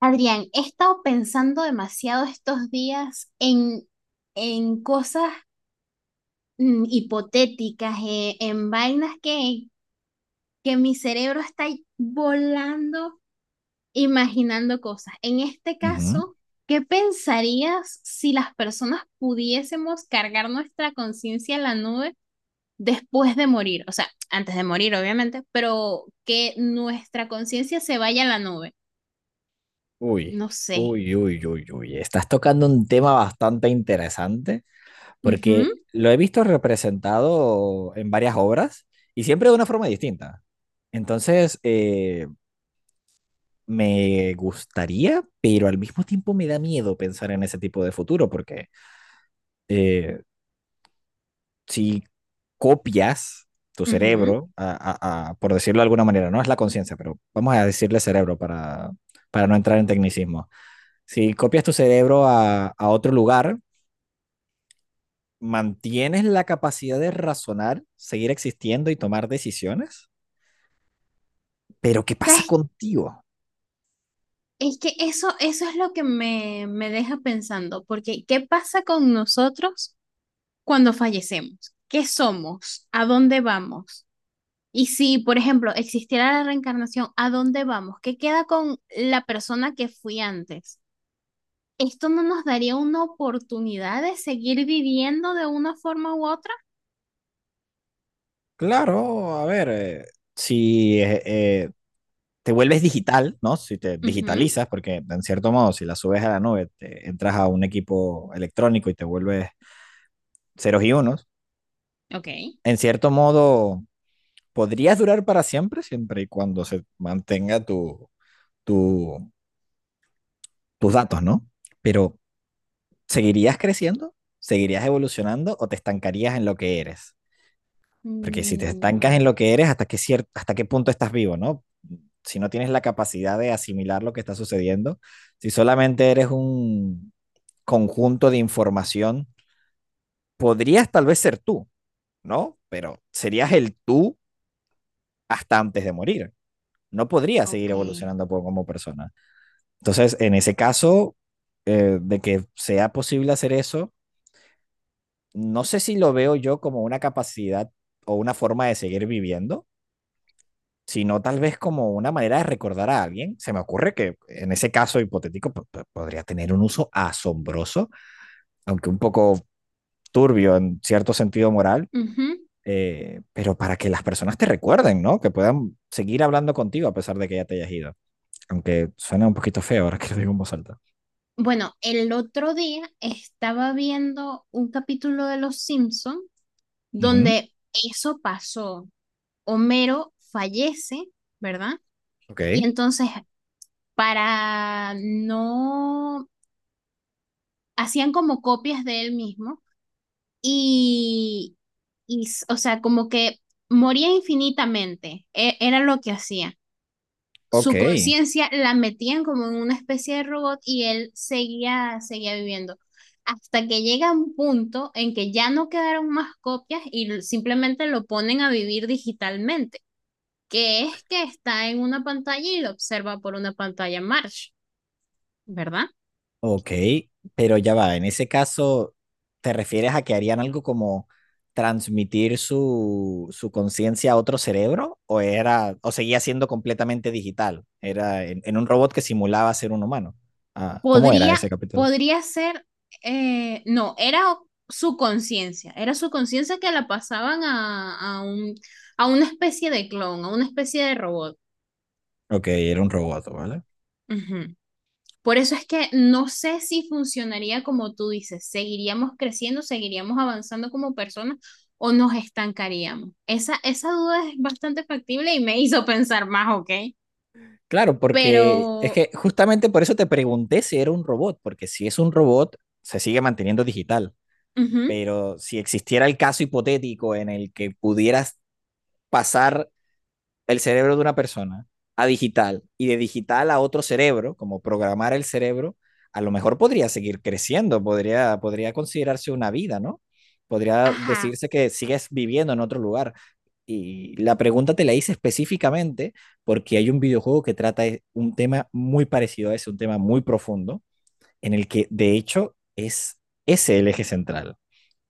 Adrián, he estado pensando demasiado estos días en cosas hipotéticas, en vainas que mi cerebro está ahí volando, imaginando cosas. En este Ujú. caso, ¿qué pensarías si las personas pudiésemos cargar nuestra conciencia en la nube después de morir? O sea, antes de morir, obviamente, pero que nuestra conciencia se vaya a la nube. Uy, No sé. uy, uy, uy, uy. Estás tocando un tema bastante interesante Ujú, porque lo he visto representado en varias obras y siempre de una forma distinta. Entonces, me gustaría, pero al mismo tiempo me da miedo pensar en ese tipo de futuro porque eh, si copias tu ujú. cerebro, por decirlo de alguna manera, no es la conciencia, pero vamos a decirle cerebro para no entrar en tecnicismo. Si copias tu cerebro a otro lugar, mantienes la capacidad de razonar, seguir existiendo y tomar decisiones, pero ¿qué pasa ¿Sabes contigo? Es que eso es lo que me deja pensando, porque ¿qué pasa con nosotros cuando fallecemos? ¿Qué somos? ¿A dónde vamos? Y si, por ejemplo, existiera la reencarnación, ¿a dónde vamos? ¿Qué queda con la persona que fui antes? ¿Esto no nos daría una oportunidad de seguir viviendo de una forma u otra? Claro, a ver, si te vuelves digital, ¿no? Si te Ujú, digitalizas, porque en cierto modo, si la subes a la nube, te entras a un equipo electrónico y te vuelves ceros y unos, ok. en cierto modo, podrías durar para siempre, siempre y cuando se mantenga tu, tus datos, ¿no? Pero ¿seguirías creciendo? ¿Seguirías evolucionando o te estancarías en lo que eres? Porque si te estancas en Mm, lo que eres, ¿ hasta qué punto estás vivo, no? Si no tienes la capacidad de asimilar lo que está sucediendo, si solamente eres un conjunto de información, podrías tal vez ser tú, ¿no? Pero serías el tú hasta antes de morir. No podrías seguir ok. evolucionando como persona. Entonces, en ese caso, de que sea posible hacer eso, no sé si lo veo yo como una capacidad o una forma de seguir viviendo, sino tal vez como una manera de recordar a alguien. Se me ocurre que en ese caso hipotético podría tener un uso asombroso, aunque un poco turbio en cierto sentido moral, Ujú. Pero para que las personas te recuerden, ¿no? Que puedan seguir hablando contigo a pesar de que ya te hayas ido. Aunque suena un poquito feo ahora que lo digo en voz alta. Bueno, el otro día estaba viendo un capítulo de Los Simpson Ujú. donde eso pasó. Homero fallece, ¿verdad? Ok, Y entonces, para no hacían como copias de él mismo y, y o sea, como que moría infinitamente. Era lo que hacía. ok. Su conciencia la metían como en una especie de robot y él seguía viviendo. Hasta que llega un punto en que ya no quedaron más copias y simplemente lo ponen a vivir digitalmente, que es que está en una pantalla y lo observa por una pantalla Marsh, ¿verdad? Ok, pero ya va, en ese caso, ¿te refieres a que harían algo como transmitir su conciencia a otro cerebro? ¿O era, o seguía siendo completamente digital? Era en un robot que simulaba ser un humano. Ah, ¿cómo era Podría, ese capítulo? podría ser, no, era su conciencia que la pasaban a una especie de clon, a una especie de robot. Ok, era un robot, ¿vale? Ujú. Por eso es que no sé si funcionaría como tú dices, seguiríamos creciendo, seguiríamos avanzando como personas o nos estancaríamos. Esa duda es bastante factible y me hizo pensar más, ¿ok? Claro, porque es Pero, que justamente por eso te pregunté si era un robot, porque si es un robot, se sigue manteniendo digital, ujú, pero si existiera el caso hipotético en el que pudieras pasar el cerebro de una persona a digital y de digital a otro cerebro, como programar el cerebro, a lo mejor podría seguir creciendo, podría considerarse una vida, ¿no? Podría ajá, decirse que sigues viviendo en otro lugar. Y la pregunta te la hice específicamente porque hay un videojuego que trata un tema muy parecido a ese, un tema muy profundo, en el que de hecho es ese el eje central.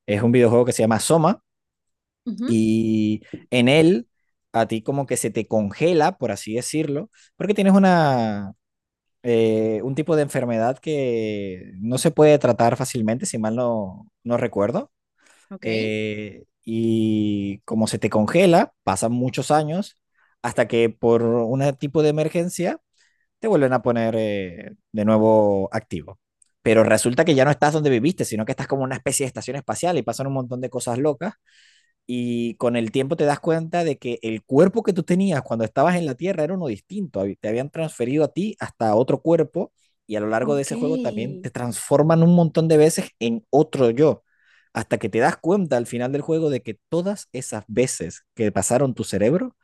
Es un videojuego que se llama Soma, ujú, y en él a ti como que se te congela, por así decirlo, porque tienes un tipo de enfermedad que no se puede tratar fácilmente, si mal no recuerdo. ok, Y como se te congela, pasan muchos años hasta que por un tipo de emergencia te vuelven a poner de nuevo activo. Pero resulta que ya no estás donde viviste, sino que estás como una especie de estación espacial y pasan un montón de cosas locas y con el tiempo te das cuenta de que el cuerpo que tú tenías cuando estabas en la Tierra era uno distinto, te habían transferido a ti hasta otro cuerpo y a lo largo de ok. ese juego también te transforman un montón de veces en otro yo, hasta que te das cuenta al final del juego de que todas esas veces que pasaron tu cerebro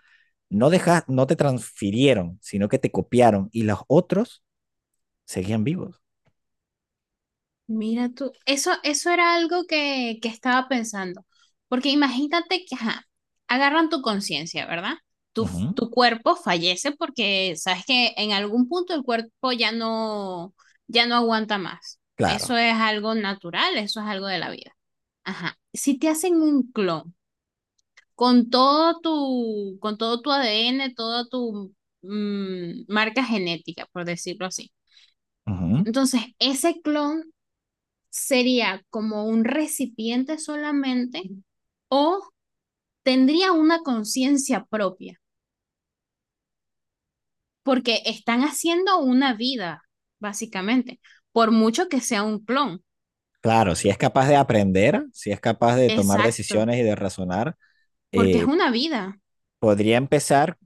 no te transfirieron, sino que te copiaron y los otros seguían vivos. Mira tú, eso era algo que estaba pensando, porque imagínate que ajá, agarran tu conciencia, ¿verdad? Tu, f- Ujú, tu cuerpo fallece porque sabes que en algún punto el cuerpo ya no aguanta más. Eso claro. es algo natural, eso es algo de la vida. Ajá. Si te hacen un clon con todo tu ADN, toda tu marca genética, por decirlo así. Ujú, Entonces, ese clon sería como un recipiente solamente o tendría una conciencia propia, porque están haciendo una vida, básicamente, por mucho que sea un clon. claro, si es capaz de aprender, si es capaz de tomar Exacto, decisiones y de razonar, porque es eh, una vida. Podría empezar,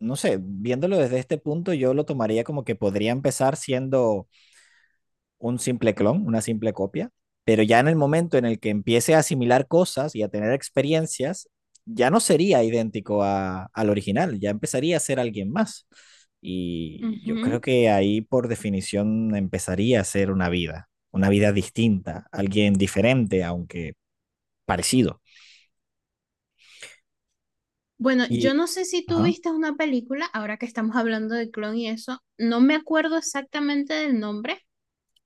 no sé, viéndolo desde este punto, yo lo tomaría como que podría empezar siendo un simple clon, una simple copia, pero ya en el momento en el que empiece a asimilar cosas y a tener experiencias, ya no sería idéntico al original, ya empezaría a ser alguien más. Y yo creo Ujú. que ahí por definición empezaría a ser una vida distinta, alguien diferente, aunque parecido. Bueno, yo Y, no sé si tú ajá, viste una película, ahora que estamos hablando de clon y eso, no me acuerdo exactamente del nombre,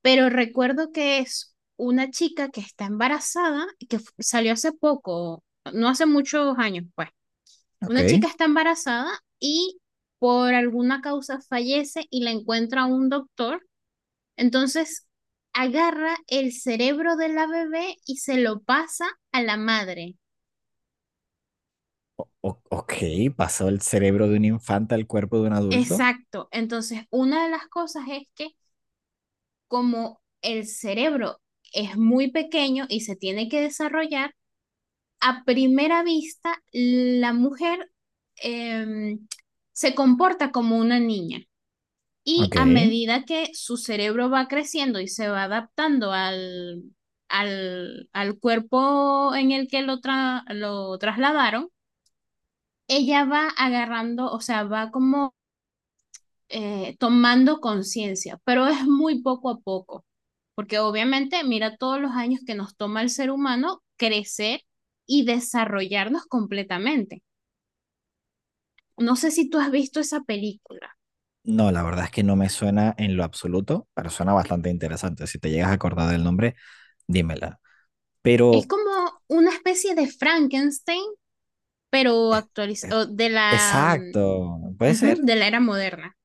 pero recuerdo que es una chica que está embarazada, y que salió hace poco, no hace muchos años, pues. Una ok. chica está embarazada y por alguna causa fallece y la encuentra un doctor. Entonces agarra el cerebro de la bebé y se lo pasa a la madre. Ok, pasó el cerebro de un infante al cuerpo de un adulto. Exacto. Entonces, una de las cosas es que como el cerebro es muy pequeño y se tiene que desarrollar, a primera vista la mujer em, se comporta como una niña. Y Ok. a medida que su cerebro va creciendo y se va adaptando al cuerpo en el que lo trasladaron, ella va agarrando, o sea, va como tomando conciencia, pero es muy poco a poco, porque obviamente mira todos los años que nos toma el ser humano crecer y desarrollarnos completamente. No sé si tú has visto esa película. No, la verdad es que no me suena en lo absoluto, pero suena bastante interesante. Si te llegas a acordar del nombre, dímela. Es Pero, como una especie de Frankenstein pero eh, actualizado exacto, puede ujú, ser, de la era moderna.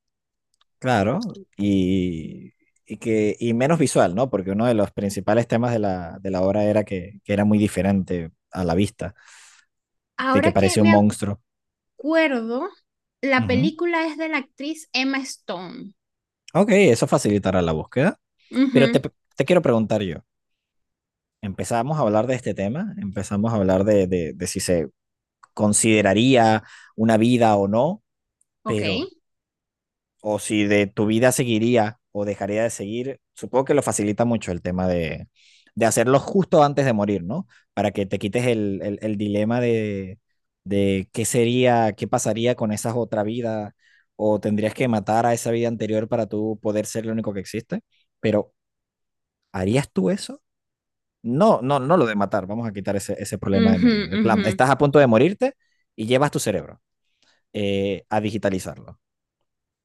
claro. Y que, y menos visual, ¿no? Porque uno de los principales temas de de la obra era que era muy diferente a la vista, de que Ahora que parecía un me monstruo. acuerdo, la Ujú. película es de la actriz Emma Stone. Ok, eso facilitará la búsqueda. Pero Ujú, te, te quiero preguntar yo. Empezamos a hablar de este tema, empezamos a hablar de si se consideraría una vida o no, ok. pero, o si de tu vida seguiría o dejaría de seguir, supongo que lo facilita mucho el tema de hacerlo justo antes de morir, ¿no? Para que te quites el dilema de qué sería, qué pasaría con esa otra vida, o tendrías que matar a esa vida anterior para tú poder ser lo único que existe, pero ¿harías tú eso? No, no, no lo de matar. Vamos a quitar ese problema de Ujú, medio. De plan, ujú, estás a punto de morirte y llevas tu cerebro a digitalizarlo.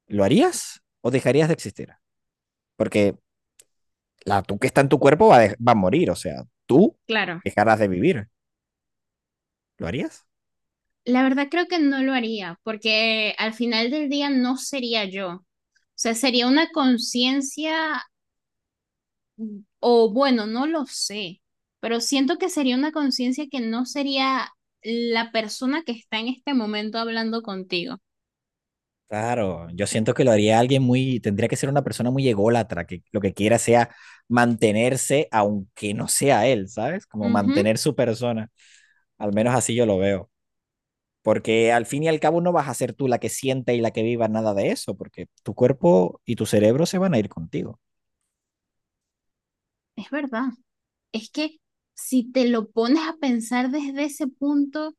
¿Lo harías o dejarías de existir? Porque la tú que está en tu cuerpo va, va a morir, o sea, tú claro. dejarás de vivir. ¿Lo harías? La verdad creo que no lo haría, porque al final del día no sería yo. O sea, sería una conciencia, o bueno, no lo sé, pero siento que sería una conciencia que no sería la persona que está en este momento hablando contigo. Claro, yo siento que lo haría alguien muy, tendría que ser una persona muy ególatra, que lo que quiera sea mantenerse, aunque no sea él, ¿sabes? Como Ujú. mantener su persona. Al menos así yo lo veo. Porque al fin y al cabo no vas a ser tú la que sienta y la que viva nada de eso, porque tu cuerpo y tu cerebro se van a ir contigo. Es verdad. Es que si te lo pones a pensar desde ese punto,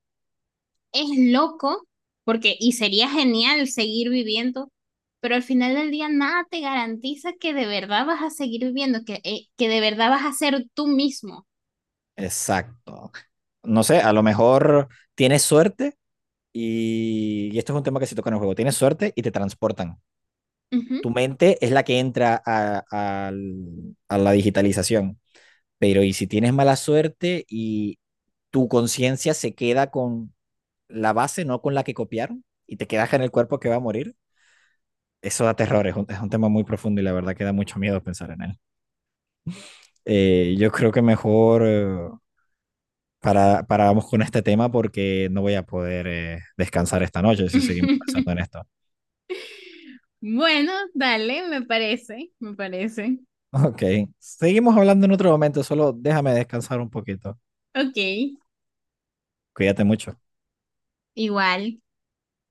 es loco, porque, y sería genial seguir viviendo, pero al final del día nada te garantiza que de verdad vas a seguir viviendo, que de verdad vas a ser tú mismo. Exacto. No sé, a lo mejor tienes suerte y esto es un tema que se toca en el juego. Tienes suerte y te transportan. Tu Ujú. mente es la que entra a, a la digitalización, pero ¿y si tienes mala suerte y tu conciencia se queda con la base, no con la que copiaron, y te quedas en el cuerpo que va a morir? Eso da terror, es un tema muy profundo y la verdad que da mucho miedo pensar en él. Yo creo que mejor para, paramos con este tema porque no voy a poder descansar esta noche si seguimos pensando en esto. Bueno, dale, me parece, me parece. Ok, seguimos hablando en otro momento, solo déjame descansar un poquito. Ok, Cuídate mucho. igual.